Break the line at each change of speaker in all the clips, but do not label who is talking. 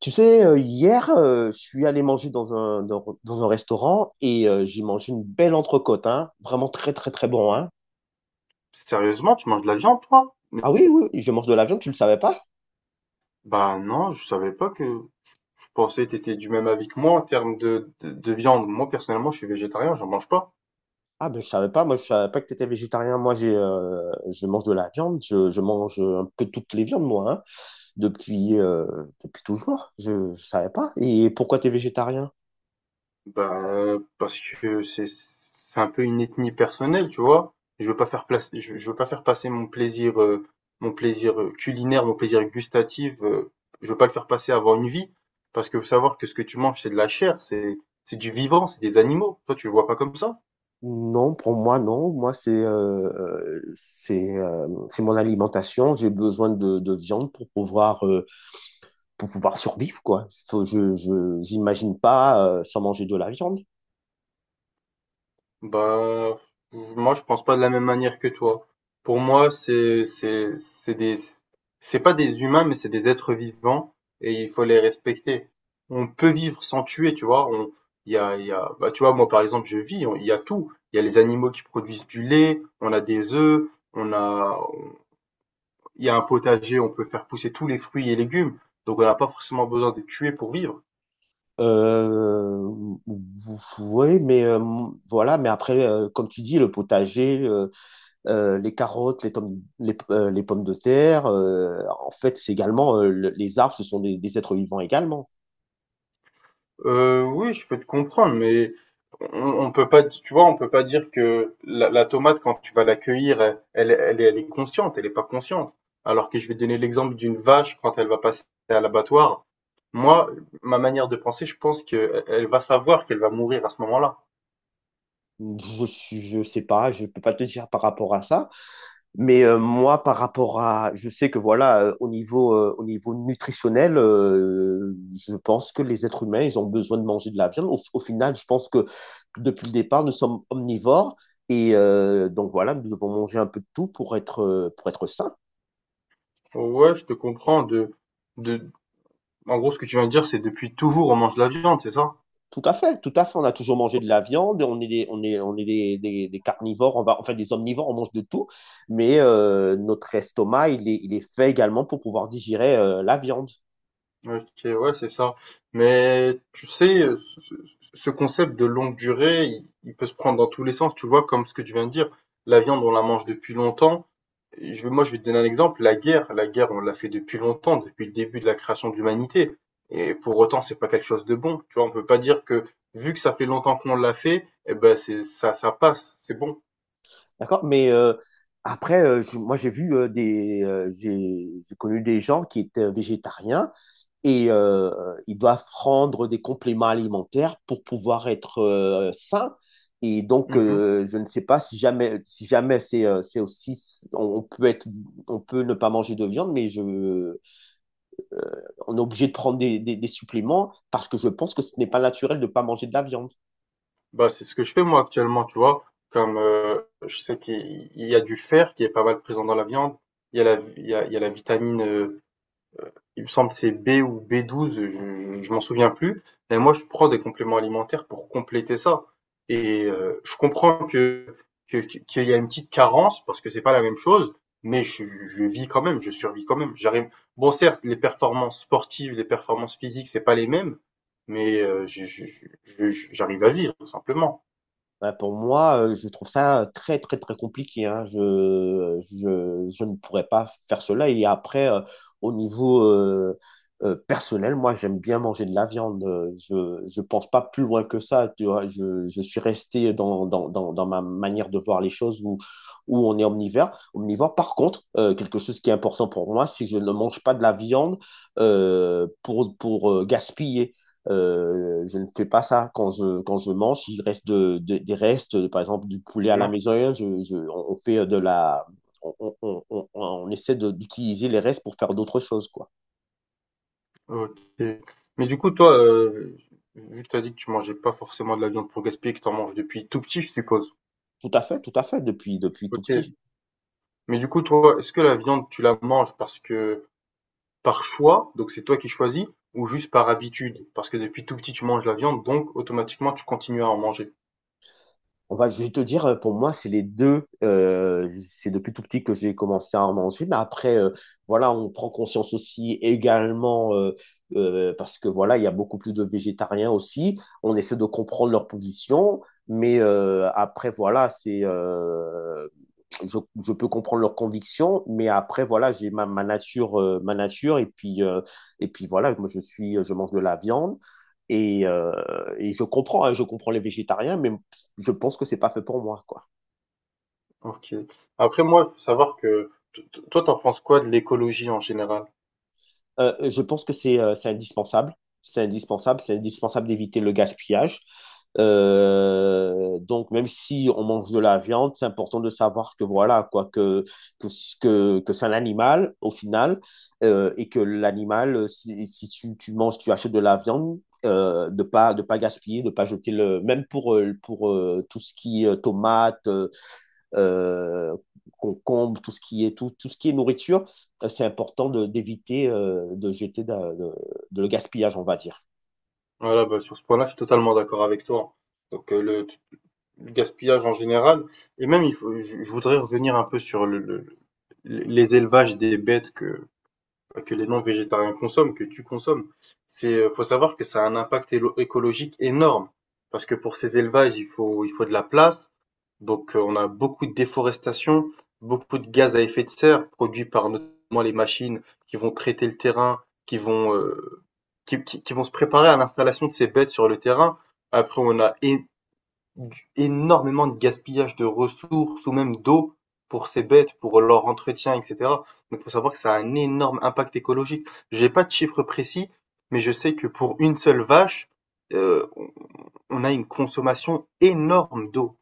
Tu sais, hier, je suis allé manger dans dans un restaurant et j'ai mangé une belle entrecôte, hein. Vraiment très, très, très bon, hein.
Sérieusement, tu manges de la viande, toi? Mais,
Ah oui, oui, oui, je mange de la viande, tu le savais pas?
bah non, je savais pas que. Je pensais que t'étais du même avis que moi en termes de viande. Moi, personnellement, je suis végétarien, j'en mange pas.
Ah ben, je savais pas, moi, je savais pas que tu étais végétarien. Moi, je mange de la viande, je mange un peu toutes les viandes, moi, hein, depuis, depuis toujours. Je savais pas. Et pourquoi tu es végétarien?
Bah, parce que c'est un peu une ethnie personnelle, tu vois. Je veux pas faire place, je veux pas faire passer mon plaisir culinaire, mon plaisir gustatif. Je veux pas le faire passer avant une vie, parce que faut savoir que ce que tu manges, c'est de la chair, c'est du vivant, c'est des animaux. Toi, tu le vois pas comme ça?
Non, pour moi, non. Moi, c'est mon alimentation. J'ai besoin de viande pour pouvoir survivre, quoi. J'imagine pas sans manger de la viande.
Bah, moi, je pense pas de la même manière que toi. Pour moi, c'est pas des humains, mais c'est des êtres vivants et il faut les respecter. On peut vivre sans tuer, tu vois. Bah, tu vois, moi, par exemple, je vis, il y a tout. Il y a les animaux qui produisent du lait, on a des œufs, on a, on- il y a un potager, on peut faire pousser tous les fruits et légumes. Donc, on n'a pas forcément besoin de tuer pour vivre.
Euh, oui, mais voilà, mais après, comme tu dis, le potager, les carottes, les pommes de terre, en fait, c'est également, les arbres, ce sont des êtres vivants également.
Oui, je peux te comprendre, mais on on peut pas di tu vois, on peut pas dire que la tomate quand tu vas la cueillir, elle est consciente, elle est pas consciente. Alors que je vais donner l'exemple d'une vache quand elle va passer à l'abattoir. Moi, ma manière de penser, je pense qu'elle va savoir qu'elle va mourir à ce moment-là.
Je sais pas, je peux pas te dire par rapport à ça. Mais moi, par rapport à, je sais que voilà, au niveau nutritionnel, je pense que les êtres humains, ils ont besoin de manger de la viande. Au final, je pense que depuis le départ, nous sommes omnivores et donc voilà, nous devons manger un peu de tout pour être sains.
Ouais, je te comprends de en gros, ce que tu viens de dire, c'est depuis toujours on mange de la viande, c'est ça?
Tout à fait, tout à fait. On a toujours mangé de la viande, on est des, des carnivores, on va, enfin des omnivores, on mange de tout, mais notre estomac, il est fait également pour pouvoir digérer la viande.
OK, ouais, c'est ça. Mais tu sais, ce concept de longue durée, il peut se prendre dans tous les sens, tu vois, comme ce que tu viens de dire. La viande, on la mange depuis longtemps. Moi, je vais te donner un exemple. La guerre, on l'a fait depuis longtemps, depuis le début de la création de l'humanité. Et pour autant, c'est pas quelque chose de bon. Tu vois, on peut pas dire que, vu que ça fait longtemps qu'on l'a fait, eh ben, ça passe, c'est bon.
D'accord? Mais après, moi, j'ai vu j'ai connu des gens qui étaient végétariens et ils doivent prendre des compléments alimentaires pour pouvoir être sains. Et donc, je ne sais pas si jamais, si jamais c'est aussi, on peut être, on peut ne pas manger de viande, mais on est obligé de prendre des suppléments parce que je pense que ce n'est pas naturel de ne pas manger de la viande.
Bah, c'est ce que je fais moi actuellement, tu vois. Comme je sais qu'il y a du fer qui est pas mal présent dans la viande, il y a la, il y a la vitamine, il me semble que c'est B ou B12, je m'en souviens plus. Et moi, je prends des compléments alimentaires pour compléter ça. Et je comprends qu'il y a une petite carence parce que c'est pas la même chose, mais je vis quand même, je survis quand même. J'arrive. Bon, certes, les performances sportives, les performances physiques, c'est pas les mêmes, mais j'arrive à vivre simplement.
Bah, pour moi, je trouve ça très, très, très compliqué, hein. Je ne pourrais pas faire cela. Et après, au niveau personnel, moi, j'aime bien manger de la viande. Je ne pense pas plus loin que ça. Tu vois, je suis resté dans ma manière de voir les choses où, où on est omnivore. Omnivore, par contre, quelque chose qui est important pour moi, si je ne mange pas de la viande pour, gaspiller. Je ne fais pas ça quand je mange. Il reste des restes, par exemple, du poulet à la
Bien.
maison. On on fait on essaie d'utiliser les restes pour faire d'autres choses, quoi.
Ok. Mais du coup, toi, vu que tu as dit que tu mangeais pas forcément de la viande pour gaspiller, que tu en manges depuis tout petit, je suppose.
Tout à fait, depuis, depuis tout
Ok.
petit.
Mais du coup, toi, est-ce que la viande, tu la manges parce que par choix, donc c'est toi qui choisis, ou juste par habitude? Parce que depuis tout petit, tu manges la viande, donc automatiquement, tu continues à en manger.
On va, je vais te dire, pour moi, c'est les deux. C'est depuis tout petit que j'ai commencé à en manger. Mais après, voilà, on prend conscience aussi également, parce que voilà, il y a beaucoup plus de végétariens aussi. On essaie de comprendre leur position. Mais après, voilà, c'est peux comprendre leurs convictions, mais après, voilà, j'ai ma, ma nature, et puis voilà, moi, je mange de la viande, et, euh, et je comprends, hein, je comprends les végétariens, mais je pense que c'est pas fait pour moi, quoi.
Ok. Après, moi, faut savoir que toi, t'en penses quoi de l'écologie en général?
Je pense que c'est indispensable. C'est indispensable. C'est indispensable d'éviter le gaspillage. Donc, même si on mange de la viande, c'est important de savoir que voilà, quoi, que, que c'est un animal au final, et que l'animal, si, si tu, tu manges, tu achètes de la viande, de pas gaspiller, de pas jeter le, même pour, tout ce qui est tomate, euh, concombres, tout ce qui est nourriture, c'est important d'éviter de jeter de le gaspillage, on va dire.
Voilà, bah, sur ce point-là, je suis totalement d'accord avec toi. Donc, le gaspillage en général. Et même, je voudrais revenir un peu sur les élevages des bêtes que les non-végétariens consomment, que tu consommes. Faut savoir que ça a un impact écologique énorme. Parce que pour ces élevages, il faut de la place. Donc, on a beaucoup de déforestation, beaucoup de gaz à effet de serre produits par notamment les machines qui vont traiter le terrain, qui vont, euh, qui vont se préparer à l'installation de ces bêtes sur le terrain. Après, on a énormément de gaspillage de ressources ou même d'eau pour ces bêtes, pour leur entretien, etc. Donc, il faut savoir que ça a un énorme impact écologique. J'ai pas de chiffre précis, mais je sais que pour une seule vache, euh, on a une consommation énorme d'eau.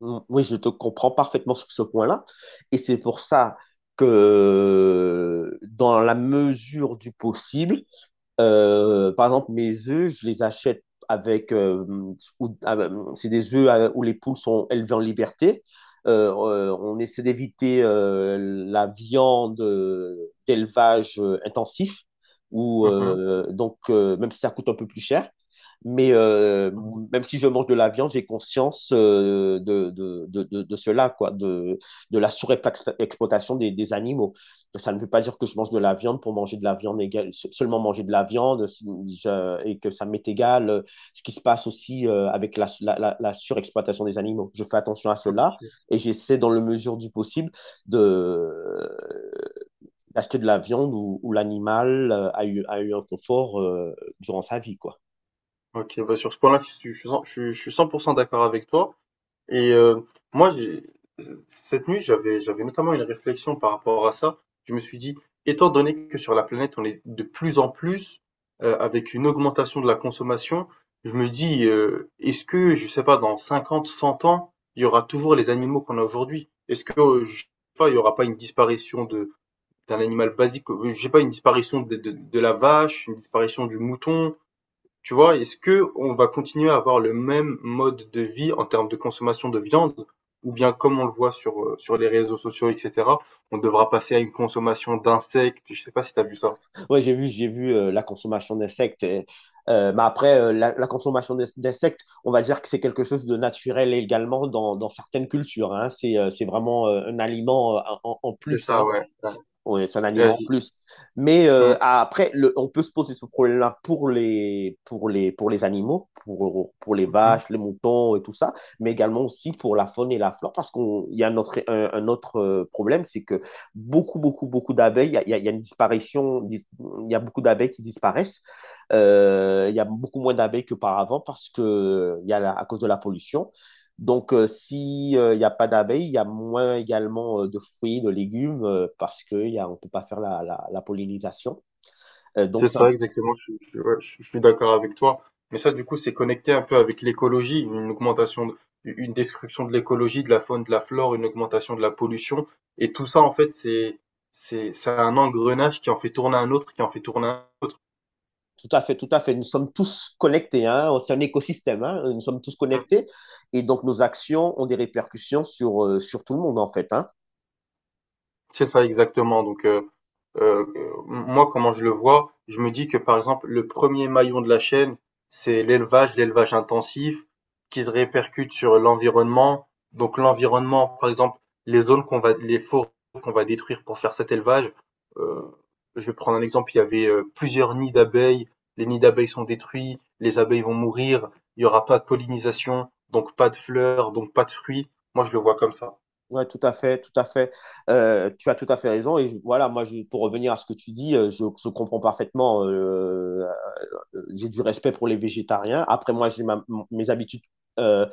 Mm, oui, je te comprends parfaitement sur ce point-là. Et c'est pour ça que dans la mesure du possible, par exemple, mes œufs, je les achète avec, ah, ben, c'est des œufs où les poules sont élevées en liberté. On essaie d'éviter la viande d'élevage intensif, ou
Mhm.
même si ça coûte un peu plus cher. Mais même si je mange de la viande, j'ai conscience de cela, quoi, de la surexploitation des animaux. Ça ne veut pas dire que je mange de la viande pour manger de la viande égale, seulement manger de la viande et que ça m'est égal ce qui se passe aussi avec surexploitation des animaux. Je fais attention à cela
Ok.
et j'essaie dans la mesure du possible de d'acheter de la viande où, où l'animal a eu un confort durant sa vie, quoi.
Ok, bah sur ce point-là, je suis cent- je suis 100% d'accord avec toi. Et moi, cette nuit, j'avais notamment une réflexion par rapport à ça. Je me suis dit, étant donné que sur la planète, on est de plus en plus avec une augmentation de la consommation, je me dis, est-ce que, je sais pas, dans 50, 100 ans, il y aura toujours les animaux qu'on a aujourd'hui? Est-ce que, je sais pas, il y aura pas une disparition d'un animal basique, je sais pas, une disparition de la vache, une disparition du mouton, tu vois, est-ce que on va continuer à avoir le même mode de vie en termes de consommation de viande, ou bien comme on le voit sur les réseaux sociaux, etc., on devra passer à une consommation d'insectes. Je sais pas si t'as vu ça.
Oui, j'ai vu la consommation d'insectes. Et, mais après, la, la consommation d'insectes, on va dire que c'est quelque chose de naturel également dans certaines cultures, hein. C'est vraiment un aliment en
C'est
plus, hein.
ça, ouais. Ouais.
Ouais, c'est un
Et
aliment en
vas-y.
plus. Mais
Mm,
après, on peut se poser ce problème-là pour pour les animaux, pour les
mhm.
vaches, les moutons et tout ça, mais également aussi pour la faune et la flore, parce qu'on, il y a un autre, un autre problème, c'est que beaucoup d'abeilles, il y a une il y a beaucoup d'abeilles qui disparaissent. Il y a beaucoup moins d'abeilles qu'auparavant parce que il y a à cause de la pollution. Donc, si s'il n'y a pas d'abeilles, il y a moins également de fruits, de légumes, parce qu'on ne peut pas faire la pollinisation. Euh, donc,
C'est
c'est un-
ça, exactement. Ouais, je suis d'accord avec toi. Mais ça, du coup, c'est connecté un peu avec l'écologie, une augmentation, une destruction de l'écologie, de la faune, de la flore, une augmentation de la pollution. Et tout ça, en fait, c'est un engrenage qui en fait tourner un autre, qui en fait tourner un autre.
Tout à fait, tout à fait. Nous sommes tous connectés, hein. C'est un écosystème, hein. Nous sommes tous
Mm.
connectés. Et donc, nos actions ont des répercussions sur, sur tout le monde, en fait, hein.
C'est ça exactement. Donc, heu, moi, comment je le vois, je me dis que par exemple, le premier maillon de la chaîne, c'est l'élevage, l'élevage intensif, qui se répercute sur l'environnement. Donc l'environnement, par exemple, les forêts qu'on va détruire pour faire cet élevage, heu, je vais prendre un exemple, il y avait, plusieurs nids d'abeilles, les nids d'abeilles sont détruits, les abeilles vont mourir, il y aura pas de pollinisation, donc pas de fleurs, donc pas de fruits. Moi, je le vois comme ça.
Ouais, tout à fait, tout à fait. Tu as tout à fait raison. Voilà, moi, pour revenir à ce que tu dis, je comprends parfaitement j'ai du respect pour les végétariens. Après, moi, mes habitudes euh,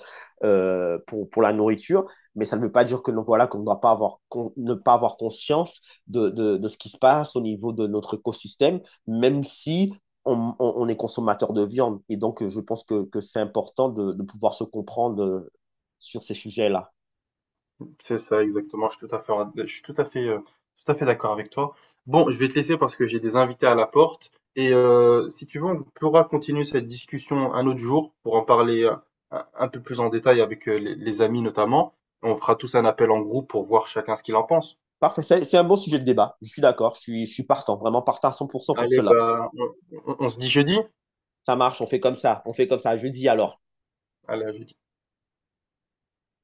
pour la nourriture, mais ça ne veut pas dire que non, voilà, qu'on ne doit pas avoir, ne pas avoir conscience de ce qui se passe au niveau de notre écosystème, même si on est consommateur de viande. Et donc, je pense que c'est important de pouvoir se comprendre sur ces sujets-là.
C'est ça, exactement. Je suis tout à fait, je suis tout à fait d'accord avec toi. Bon, je vais te laisser parce que j'ai des invités à la porte. Et si tu veux, on pourra continuer cette discussion un autre jour pour en parler un peu plus en détail avec les amis notamment. On fera tous un appel en groupe pour voir chacun ce qu'il en pense.
Parfait, c'est un bon sujet de débat. Je suis d'accord, je suis partant, vraiment partant à 100% pour
Allez,
cela.
bah, on se dit jeudi.
Ça marche, on fait comme ça, on fait comme ça. Jeudi alors.
Allez, à jeudi.